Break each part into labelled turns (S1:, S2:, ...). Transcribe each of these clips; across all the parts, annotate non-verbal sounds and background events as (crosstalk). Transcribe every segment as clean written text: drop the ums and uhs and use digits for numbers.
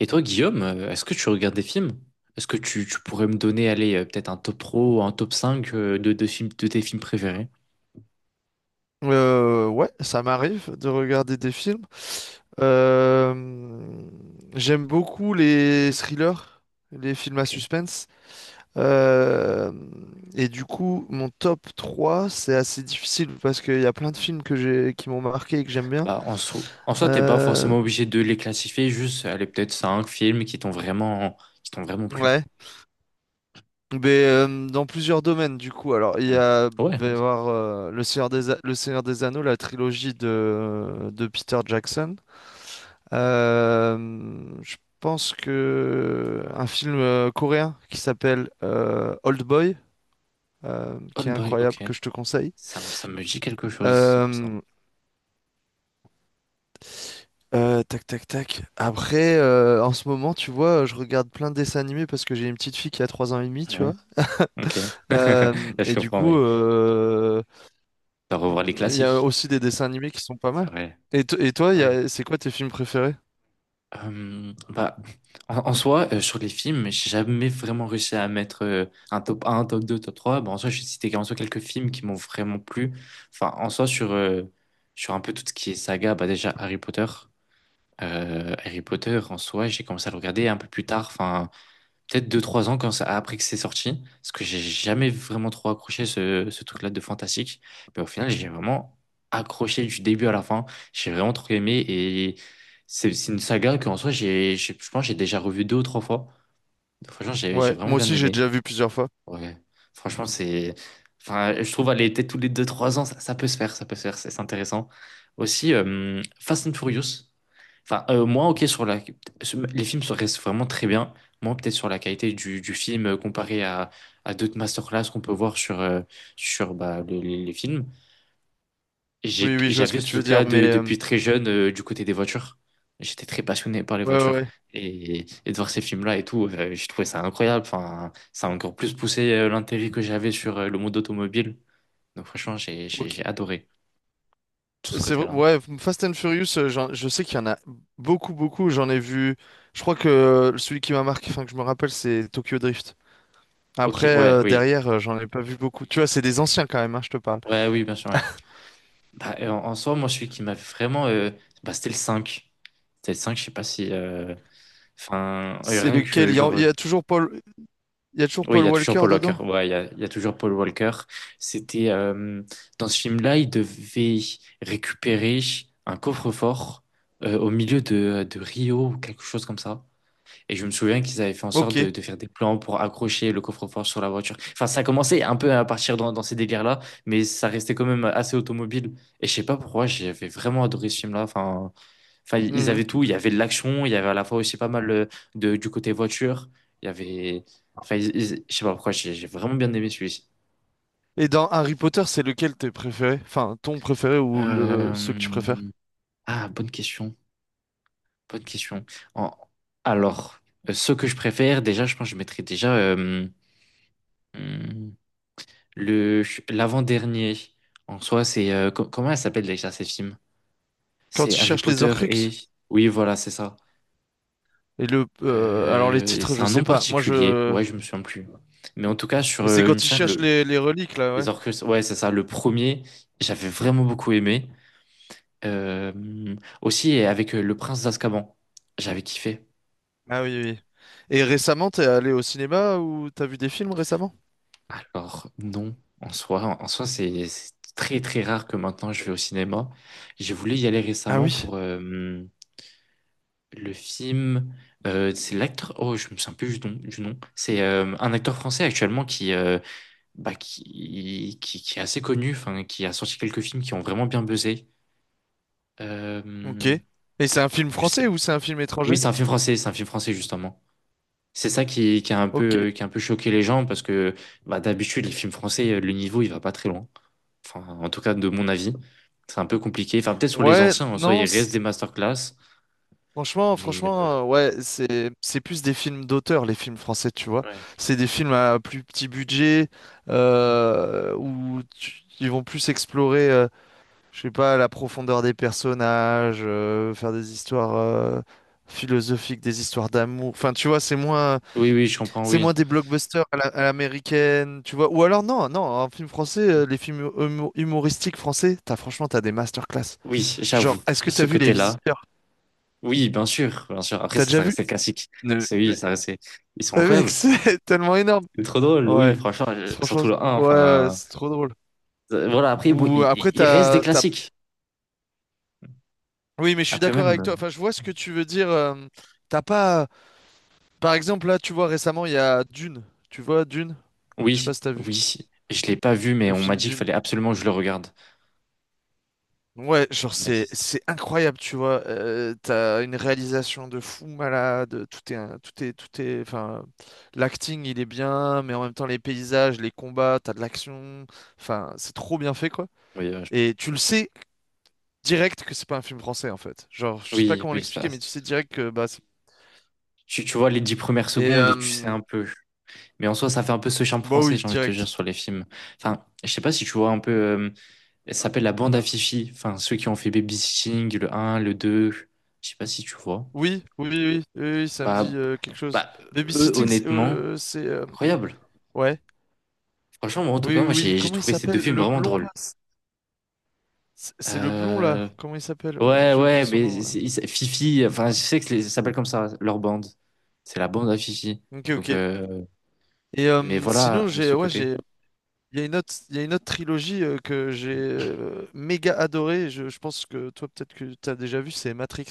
S1: Et toi, Guillaume, est-ce que tu regardes des films? Est-ce que tu pourrais me donner, allez, peut-être un top pro, un top 5 de films, de tes films préférés?
S2: Ouais, ça m'arrive de regarder des films. Euh, J'aime beaucoup les thrillers, les films à
S1: Ok.
S2: suspense. Euh, et du coup, mon top 3, c'est assez difficile parce qu'il y a plein de
S1: Hmm.
S2: films qui m'ont marqué et que j'aime bien.
S1: Bah, en soi, t'es pas
S2: Euh,
S1: forcément obligé de les classifier, juste, allez, peut-être 5 films qui qui t'ont vraiment plu.
S2: ouais. Mais dans plusieurs domaines, du coup. Alors,
S1: Hmm. Ouais.
S2: il va y avoir Le Seigneur des Anneaux, la trilogie de Peter Jackson. Euh, je pense que un film coréen qui s'appelle Old Boy, qui
S1: Old
S2: est
S1: Boy,
S2: incroyable,
S1: ok.
S2: que je te conseille.
S1: Ça me dit quelque chose, c'est pour ça.
S2: Euh, Tac, tac, tac. Après, en ce moment, tu vois, je regarde plein de dessins animés parce que j'ai une petite fille qui a 3 ans et demi, tu
S1: Ouais.
S2: vois.
S1: Ok. (laughs) Là, je
S2: Et du
S1: comprends,
S2: coup,
S1: mais t'as revoir les
S2: il y a
S1: classiques.
S2: aussi des dessins animés qui sont pas mal.
S1: Ouais.
S2: Et toi,
S1: Ouais.
S2: c'est quoi tes films préférés?
S1: Bah, en soi, sur les films, j'ai jamais vraiment réussi à mettre un top 2 top trois. Bon, en soi, je vais citer en soi quelques films qui m'ont vraiment plu. Enfin, en soi, sur un peu tout ce qui est saga, bah, déjà Harry Potter. Harry Potter, en soi, j'ai commencé à le regarder un peu plus tard. Enfin, peut-être deux trois ans quand ça, après que c'est sorti, parce que j'ai jamais vraiment trop accroché ce truc-là de fantastique. Mais au final, j'ai vraiment accroché du début à la fin. J'ai vraiment trop aimé et c'est une saga qu'en soi, je pense que j'ai déjà revu deux ou trois fois. Donc, franchement, j'ai
S2: Ouais,
S1: vraiment
S2: moi
S1: bien
S2: aussi, j'ai
S1: aimé.
S2: déjà vu plusieurs fois.
S1: Ouais, franchement, c'est. Enfin, je trouve aller était tous les deux trois ans, ça peut se faire, ça peut se faire, c'est intéressant. Aussi, Fast and Furious. Enfin, moi, ok, sur la... sur- les films se restent vraiment très bien. Moi, peut-être sur la qualité du film comparé à d'autres masterclass qu'on peut voir sur bah, les films.
S2: Oui, oui, je vois ce
S1: J'avais
S2: que
S1: ce
S2: tu veux
S1: truc-là
S2: dire, mais,
S1: de- depuis très jeune du côté des voitures. J'étais très passionné par les
S2: ouais, ouais,
S1: voitures.
S2: ouais.
S1: Et de voir ces films-là et tout, je trouvais ça incroyable. Enfin, ça a encore plus poussé l'intérêt que j'avais sur le monde automobile. Donc franchement,
S2: Ok.
S1: j'ai adoré tout
S2: C'est
S1: ce
S2: c'est
S1: côté-là.
S2: ouais, Fast and Furious, je sais qu'il y en a beaucoup, beaucoup. J'en ai vu. Je crois que celui qui m'a marqué, enfin que je me rappelle, c'est Tokyo Drift.
S1: Ok,
S2: Après,
S1: ouais, oui.
S2: derrière, j'en ai pas vu beaucoup. Tu vois, c'est des anciens quand même, hein, je te parle.
S1: Ouais, oui, bien sûr, ouais. Bah, en soi, moi, celui qui m'avait vraiment... bah, c'était le cinq. C'était le cinq, je sais pas si... Enfin,
S2: C'est
S1: rien
S2: lequel?
S1: que genre... euh,
S2: Il y a toujours
S1: Oui, il y
S2: Paul
S1: a toujours
S2: Walker
S1: Paul Walker.
S2: dedans?
S1: Ouais, il y a toujours Paul Walker. C'était dans ce film-là, il devait récupérer un coffre-fort au milieu de Rio ou quelque chose comme ça. Et je me souviens qu'ils avaient fait en sorte
S2: Ok.
S1: de faire des plans pour accrocher le coffre-fort sur la voiture. Enfin, ça commençait un peu à partir dans ces délires-là, mais ça restait quand même assez automobile. Et je sais pas pourquoi, j'avais vraiment adoré ce film-là. Enfin, enfin, ils avaient
S2: Mhm.
S1: tout. Il y avait de l'action, il y avait à la fois aussi pas mal du côté voiture. Il y avait. Enfin, je sais pas pourquoi, j'ai vraiment bien aimé celui-ci.
S2: Et dans Harry Potter, c'est lequel t'es préféré? Enfin, ton préféré ou le ceux que tu préfères?
S1: Euh, Ah, bonne question. Bonne question. En- Alors, ce que je préfère, déjà, je pense que je mettrais déjà hum, le l'avant-dernier. En soi, c'est. Comment elle s'appelle déjà ces films?
S2: Quand
S1: C'est
S2: ils
S1: Harry
S2: cherchent les
S1: Potter et.
S2: Horcruxes?
S1: Oui, voilà, c'est ça.
S2: Alors les titres,
S1: C'est
S2: je
S1: un
S2: sais
S1: nom
S2: pas. Moi,
S1: particulier.
S2: je.
S1: Ouais, je me souviens plus. Mais en tout cas,
S2: Mais c'est
S1: il me
S2: quand ils
S1: semble,
S2: cherchent
S1: le,
S2: les reliques là,
S1: Les
S2: ouais.
S1: Orcus, ouais, c'est ça. Le premier, j'avais vraiment beaucoup aimé. Euh, aussi avec Le Prince d'Azkaban, j'avais kiffé.
S2: Ah oui, oui. Et récemment, t'es allé au cinéma ou t'as vu des films récemment?
S1: Alors, non, en soi, c'est très très rare que maintenant je vais au cinéma. J'ai voulu y aller
S2: Ah
S1: récemment
S2: oui,
S1: pour le film. C'est l'acteur. Oh, je me souviens plus du nom. Du nom. C'est un acteur français actuellement qui, bah, qui est assez connu, enfin, qui a sorti quelques films qui ont vraiment bien buzzé.
S2: ok.
S1: Euh,
S2: Et c'est un film
S1: je
S2: français
S1: sais.
S2: ou c'est un film
S1: Oui,
S2: étranger?
S1: c'est un film français, c'est un film français justement. C'est ça qui a un
S2: Ok.
S1: peu, qui a un peu choqué les gens parce que bah, d'habitude, les films français, le niveau, il va pas très loin. Enfin, en tout cas, de mon avis, c'est un peu compliqué. Enfin, peut-être sur les
S2: Ouais,
S1: anciens, en soi, il
S2: non,
S1: reste des masterclass,
S2: franchement,
S1: mais
S2: franchement, ouais, c'est plus des films d'auteur, les films français, tu vois.
S1: ouais.
S2: C'est des films à plus petit budget, ils vont plus explorer, je sais pas, la profondeur des personnages, faire des histoires philosophiques, des histoires d'amour. Enfin, tu vois, c'est moins.
S1: Oui, oui, je comprends,
S2: C'est moins
S1: oui.
S2: des blockbusters à l'américaine, tu vois. Ou alors, non, non, un film français,
S1: Mm.
S2: les films humoristiques français, t'as, franchement, t'as des masterclass.
S1: Oui, j'avoue,
S2: Genre, est-ce que t'as
S1: ce
S2: vu Les
S1: côté-là.
S2: Visiteurs?
S1: Oui, bien sûr, bien sûr. Après,
S2: T'as déjà
S1: ça
S2: vu?
S1: restait classique. C'est oui,
S2: Ouais.
S1: ça restait. Ils sont
S2: Mec, (laughs)
S1: incroyables.
S2: c'est tellement énorme.
S1: C'est trop drôle, oui,
S2: Ouais,
S1: franchement, je-
S2: Franchement,
S1: surtout le un.
S2: ouais, ouais,
S1: Enfin.
S2: c'est trop drôle.
S1: Voilà, après, bon,
S2: Ou après,
S1: il reste des
S2: t'as...
S1: classiques.
S2: Oui, mais je suis
S1: Après
S2: d'accord avec toi.
S1: même.
S2: Enfin, je vois ce que tu veux dire. T'as pas. Par exemple, là, tu vois, récemment, il y a Dune. Tu vois, Dune? Je sais
S1: Oui,
S2: pas si t'as vu.
S1: oui. Et je l'ai pas vu, mais
S2: Le
S1: on m'a
S2: film
S1: dit qu'il
S2: Dune.
S1: fallait absolument que je le regarde.
S2: Ouais, genre
S1: On m'a dit.
S2: c'est
S1: Ça.
S2: c'est incroyable, tu vois. T'as une réalisation de fou malade, tout est enfin l'acting, il est bien, mais en même temps les paysages, les combats, t'as de l'action. Enfin, c'est trop bien fait quoi.
S1: Oui,
S2: Et tu le sais direct que c'est pas un film français en fait. Genre, je sais pas
S1: oui,
S2: comment
S1: oui.
S2: l'expliquer,
S1: ça-
S2: mais tu sais direct que bah
S1: Tu vois les dix premières
S2: et
S1: secondes et tu sais un peu. Mais en soi, ça fait un peu ce charme
S2: bah
S1: français,
S2: oui,
S1: j'ai envie de te dire,
S2: direct.
S1: sur les films. Enfin, je sais pas si tu vois un peu. Elle s'appelle la bande à Fifi. Enfin, ceux qui ont fait Babysitting, le un, le 2. Je sais pas si tu vois.
S2: Oui, oui, oui, oui, oui, oui, ça me
S1: Bah,
S2: dit quelque chose.
S1: bah, eux,
S2: Babysitting,
S1: honnêtement,
S2: c'est,
S1: incroyable.
S2: ouais.
S1: Franchement, moi, en tout
S2: Oui,
S1: cas,
S2: oui,
S1: moi,
S2: oui.
S1: j'ai
S2: Comment il
S1: trouvé ces deux
S2: s'appelle
S1: films
S2: le
S1: vraiment
S2: blond
S1: drôles.
S2: là? C'est le blond là,
S1: Euh,
S2: comment il s'appelle?
S1: Ouais,
S2: J'ai oublié
S1: ouais,
S2: son
S1: mais
S2: nom. Ouais.
S1: Fifi, enfin, je sais que c'est- ça s'appelle comme ça, leur bande. C'est la bande à Fifi.
S2: Ok,
S1: Donc,
S2: ok. Et
S1: mais voilà,
S2: sinon,
S1: ce
S2: ouais,
S1: côté.
S2: il y a une autre trilogie que j'ai méga adorée. Je pense que toi, peut-être que t'as déjà vu, c'est Matrix.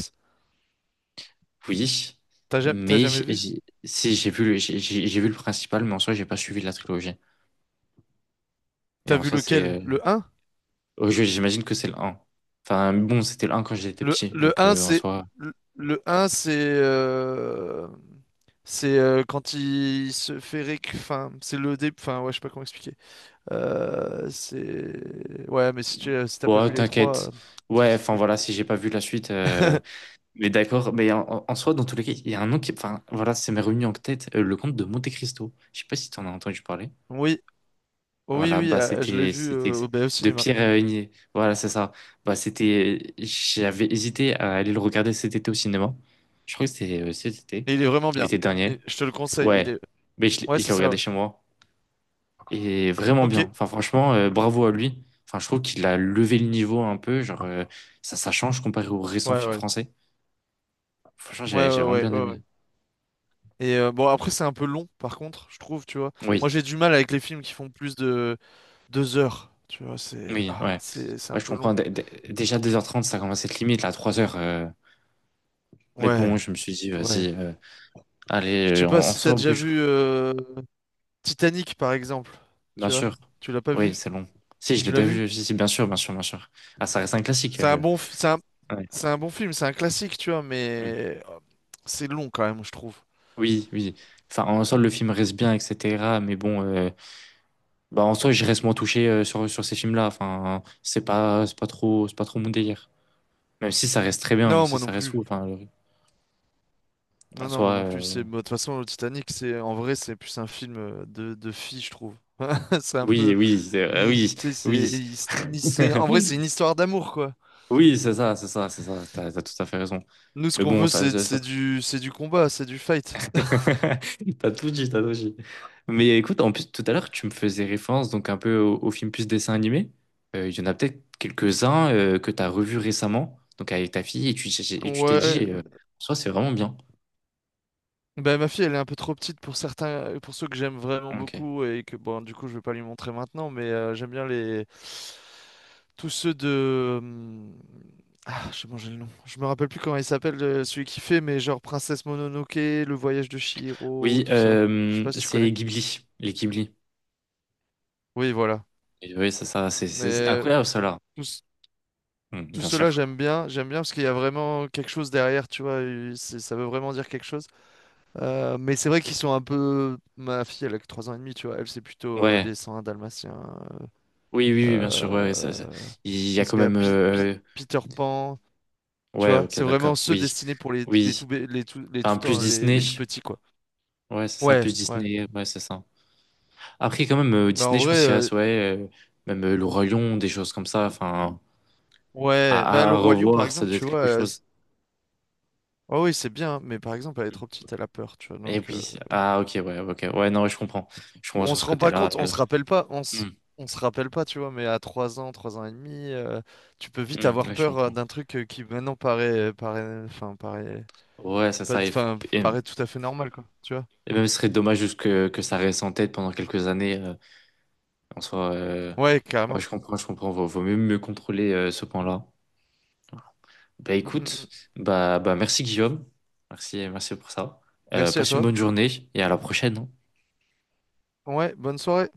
S1: Oui,
S2: T'as
S1: mais
S2: jamais vu?
S1: si j'ai vu, j'ai vu le principal, mais en soi, j'ai pas suivi la trilogie. Et
S2: T'as
S1: en
S2: vu
S1: soi,
S2: lequel? Le un.
S1: oh, j'imagine que c'est le un. Enfin, bon, c'était le un quand j'étais
S2: Le,
S1: petit,
S2: le
S1: donc
S2: un,
S1: en
S2: c'est
S1: soi,
S2: le 1. C'est quand il se fait réc... Enfin, c'est le début. Enfin, ouais, je sais pas comment expliquer. C'est, ouais, mais si t'as pas vu
S1: ouais,
S2: les trois,
S1: t'inquiète. Ouais,
S2: difficile
S1: enfin voilà,
S2: d'expliquer.
S1: si j'ai pas vu la suite,
S2: (laughs)
S1: mais d'accord, mais soi, dans tous les cas, il y a un nom qui. Enfin, voilà, c'est m'est revenu en tête, le comte de Monte Cristo. Je sais pas si tu en as entendu parler.
S2: Oui, oui,
S1: Voilà,
S2: oui,
S1: bah
S2: je l'ai
S1: c'était.
S2: vu
S1: C'était
S2: au
S1: de
S2: cinéma.
S1: Pierre Igné. Voilà, c'est ça. Bah c'était. J'avais hésité à aller le regarder cet été au cinéma. Je crois que c'était cet été,
S2: Et il est vraiment bien.
S1: l'été
S2: Et
S1: dernier.
S2: je te le conseille. Il
S1: Ouais,
S2: est.
S1: mais
S2: Ouais,
S1: je
S2: c'est
S1: l'ai
S2: ça.
S1: regardé
S2: Ouais.
S1: chez moi. Et vraiment
S2: Ok.
S1: bien. Enfin, franchement, bravo à lui. Enfin, je trouve qu'il a levé le niveau un peu. Genre, ça change comparé aux récents
S2: Ouais,
S1: films
S2: ouais.
S1: français. Franchement,
S2: Ouais,
S1: j'ai
S2: ouais,
S1: vraiment
S2: ouais,
S1: bien
S2: ouais, ouais.
S1: aimé.
S2: Et bon, après, c'est un peu long, par contre, je trouve, tu vois.
S1: Oui.
S2: Moi, j'ai du mal avec les films qui font plus de 2 heures. Tu vois, c'est
S1: Oui,
S2: ah,
S1: ouais.
S2: c'est un
S1: Ouais, je
S2: peu
S1: comprends.
S2: long.
S1: Déjà deux heures trente, ça commence à être limite, là, trois heures, mais bon,
S2: Ouais,
S1: je me suis dit, vas-y,
S2: ouais.
S1: allez,
S2: Je sais
S1: euh,
S2: pas
S1: on, on
S2: si t'as
S1: sort au
S2: déjà
S1: bûche.
S2: vu Titanic, par exemple.
S1: Bien
S2: Tu vois,
S1: sûr.
S2: tu l'as pas vu?
S1: Oui, c'est long. Si, je l'ai
S2: Tu l'as
S1: déjà
S2: vu?
S1: vu. Si, si, bien sûr, bien sûr, bien sûr. Ah, ça reste un classique.
S2: C'est un bon, f- c'est un,
S1: Ouais.
S2: c'est un bon film, c'est un classique, tu vois,
S1: Mm.
S2: mais c'est long quand même, je trouve.
S1: Oui, oui. Enfin, en soi, le film reste bien, etc. Mais bon, bah, en soi, je reste moins touché euh, sur ces films-là. Enfin, c'est pas trop mon délire. Même si ça reste très bien, même
S2: Non,
S1: si
S2: moi non
S1: ça reste
S2: plus.
S1: fou. Enfin, le- en
S2: Non, non, moi
S1: soi,
S2: non plus. C'est, bah, de toute façon, le Titanic, c'est, en vrai, c'est plus un film de filles, je trouve. (laughs) C'est un
S1: oui,
S2: peu,
S1: oui,
S2: tu sais, c'est, en vrai,
S1: oui.
S2: c'est une
S1: (laughs)
S2: histoire d'amour, quoi.
S1: Oui, c'est ça, c'est ça, c'est ça. T'as tout à fait raison.
S2: Nous, ce
S1: Mais
S2: qu'on
S1: bon,
S2: veut,
S1: ça.
S2: c'est du combat, c'est du fight.
S1: (laughs) T'as tout dit, t'as tout dit. Mais écoute, en plus, tout à l'heure, tu me faisais référence donc un peu au film plus dessin animé. Il y en a peut-être quelques-uns que t'as revus récemment, donc avec ta fille, et tu t'es
S2: Ouais,
S1: dit, soit c'est vraiment bien.
S2: ben, ma fille, elle est un peu trop petite pour certains, pour ceux que j'aime vraiment
S1: Ok.
S2: beaucoup et que bon, du coup, je vais pas lui montrer maintenant, mais j'aime bien les tous ceux de ah, j'ai mangé le nom. Je me rappelle plus comment il s'appelle celui qui fait, mais genre Princesse Mononoke, Le Voyage de Chihiro,
S1: Oui,
S2: tout ça. Je sais pas si tu
S1: c'est
S2: connais.
S1: Ghibli, les Ghibli.
S2: Oui, voilà.
S1: Et oui, c'est ça,
S2: Mais
S1: c'est incroyable, ça, là.
S2: tous
S1: Hmm,
S2: tout
S1: bien
S2: cela,
S1: sûr.
S2: j'aime bien parce qu'il y a vraiment quelque chose derrière, tu vois. Ça veut vraiment dire quelque chose. Mais c'est vrai qu'ils sont un peu. Ma fille, elle a que 3 ans et demi, tu vois. Elle, c'est plutôt
S1: Ouais.
S2: les 101 Dalmatiens.
S1: Oui, oui, oui, bien sûr. Ouais, ça- ça-
S2: Euh,
S1: il y a
S2: Qu'est-ce
S1: quand
S2: qu'il y a?
S1: même.
S2: Peter Pan, tu
S1: Ouais,
S2: vois.
S1: ok,
S2: C'est vraiment
S1: d'accord.
S2: ceux
S1: Oui,
S2: destinés pour
S1: oui. Enfin, plus
S2: les,
S1: Disney.
S2: les tout petits, quoi.
S1: Ouais, c'est ça,
S2: Ouais,
S1: plus
S2: ouais.
S1: Disney. Ouais, c'est ça. Après, quand même,
S2: Mais en
S1: Disney, je
S2: vrai,
S1: pense qu'il reste, ouais, même Le Roi Lion, des choses comme ça. Enfin,
S2: ouais. Mais le
S1: à
S2: Roi Lion, par
S1: revoir, ça
S2: exemple,
S1: doit être
S2: tu vois.
S1: quelque chose.
S2: Oh oui, c'est bien, mais par exemple, elle est
S1: Mm.
S2: trop petite, elle a peur, tu vois.
S1: Et
S2: Donc.
S1: puis, ah, ok, ouais, ok. Ouais, non, ouais, je comprends. Je comprends
S2: On
S1: sur ce
S2: se rend pas
S1: côté-là.
S2: compte, on se rappelle pas,
S1: Hum,
S2: on se rappelle pas, tu vois, mais à 3 ans, 3 ans et demi, tu peux vite avoir
S1: ouais, je
S2: peur
S1: comprends.
S2: d'un truc qui maintenant paraît, paraît, enfin, paraît,
S1: Ouais, c'est
S2: pas,
S1: ça.
S2: enfin,
S1: Et-
S2: paraît tout à fait normal, quoi, tu vois.
S1: et même, ce serait dommage juste que ça reste en tête pendant quelques années. En soi,
S2: Ouais,
S1: ouais,
S2: carrément.
S1: je comprends, je comprends. Vaut mieux, mieux contrôler ce point-là. Bah
S2: Mm, mm,
S1: écoute,
S2: mm.
S1: bah merci Guillaume. Merci, merci pour ça.
S2: Merci à
S1: Passe une
S2: toi.
S1: bonne journée et à la prochaine. Hein.
S2: Ouais, bonne soirée.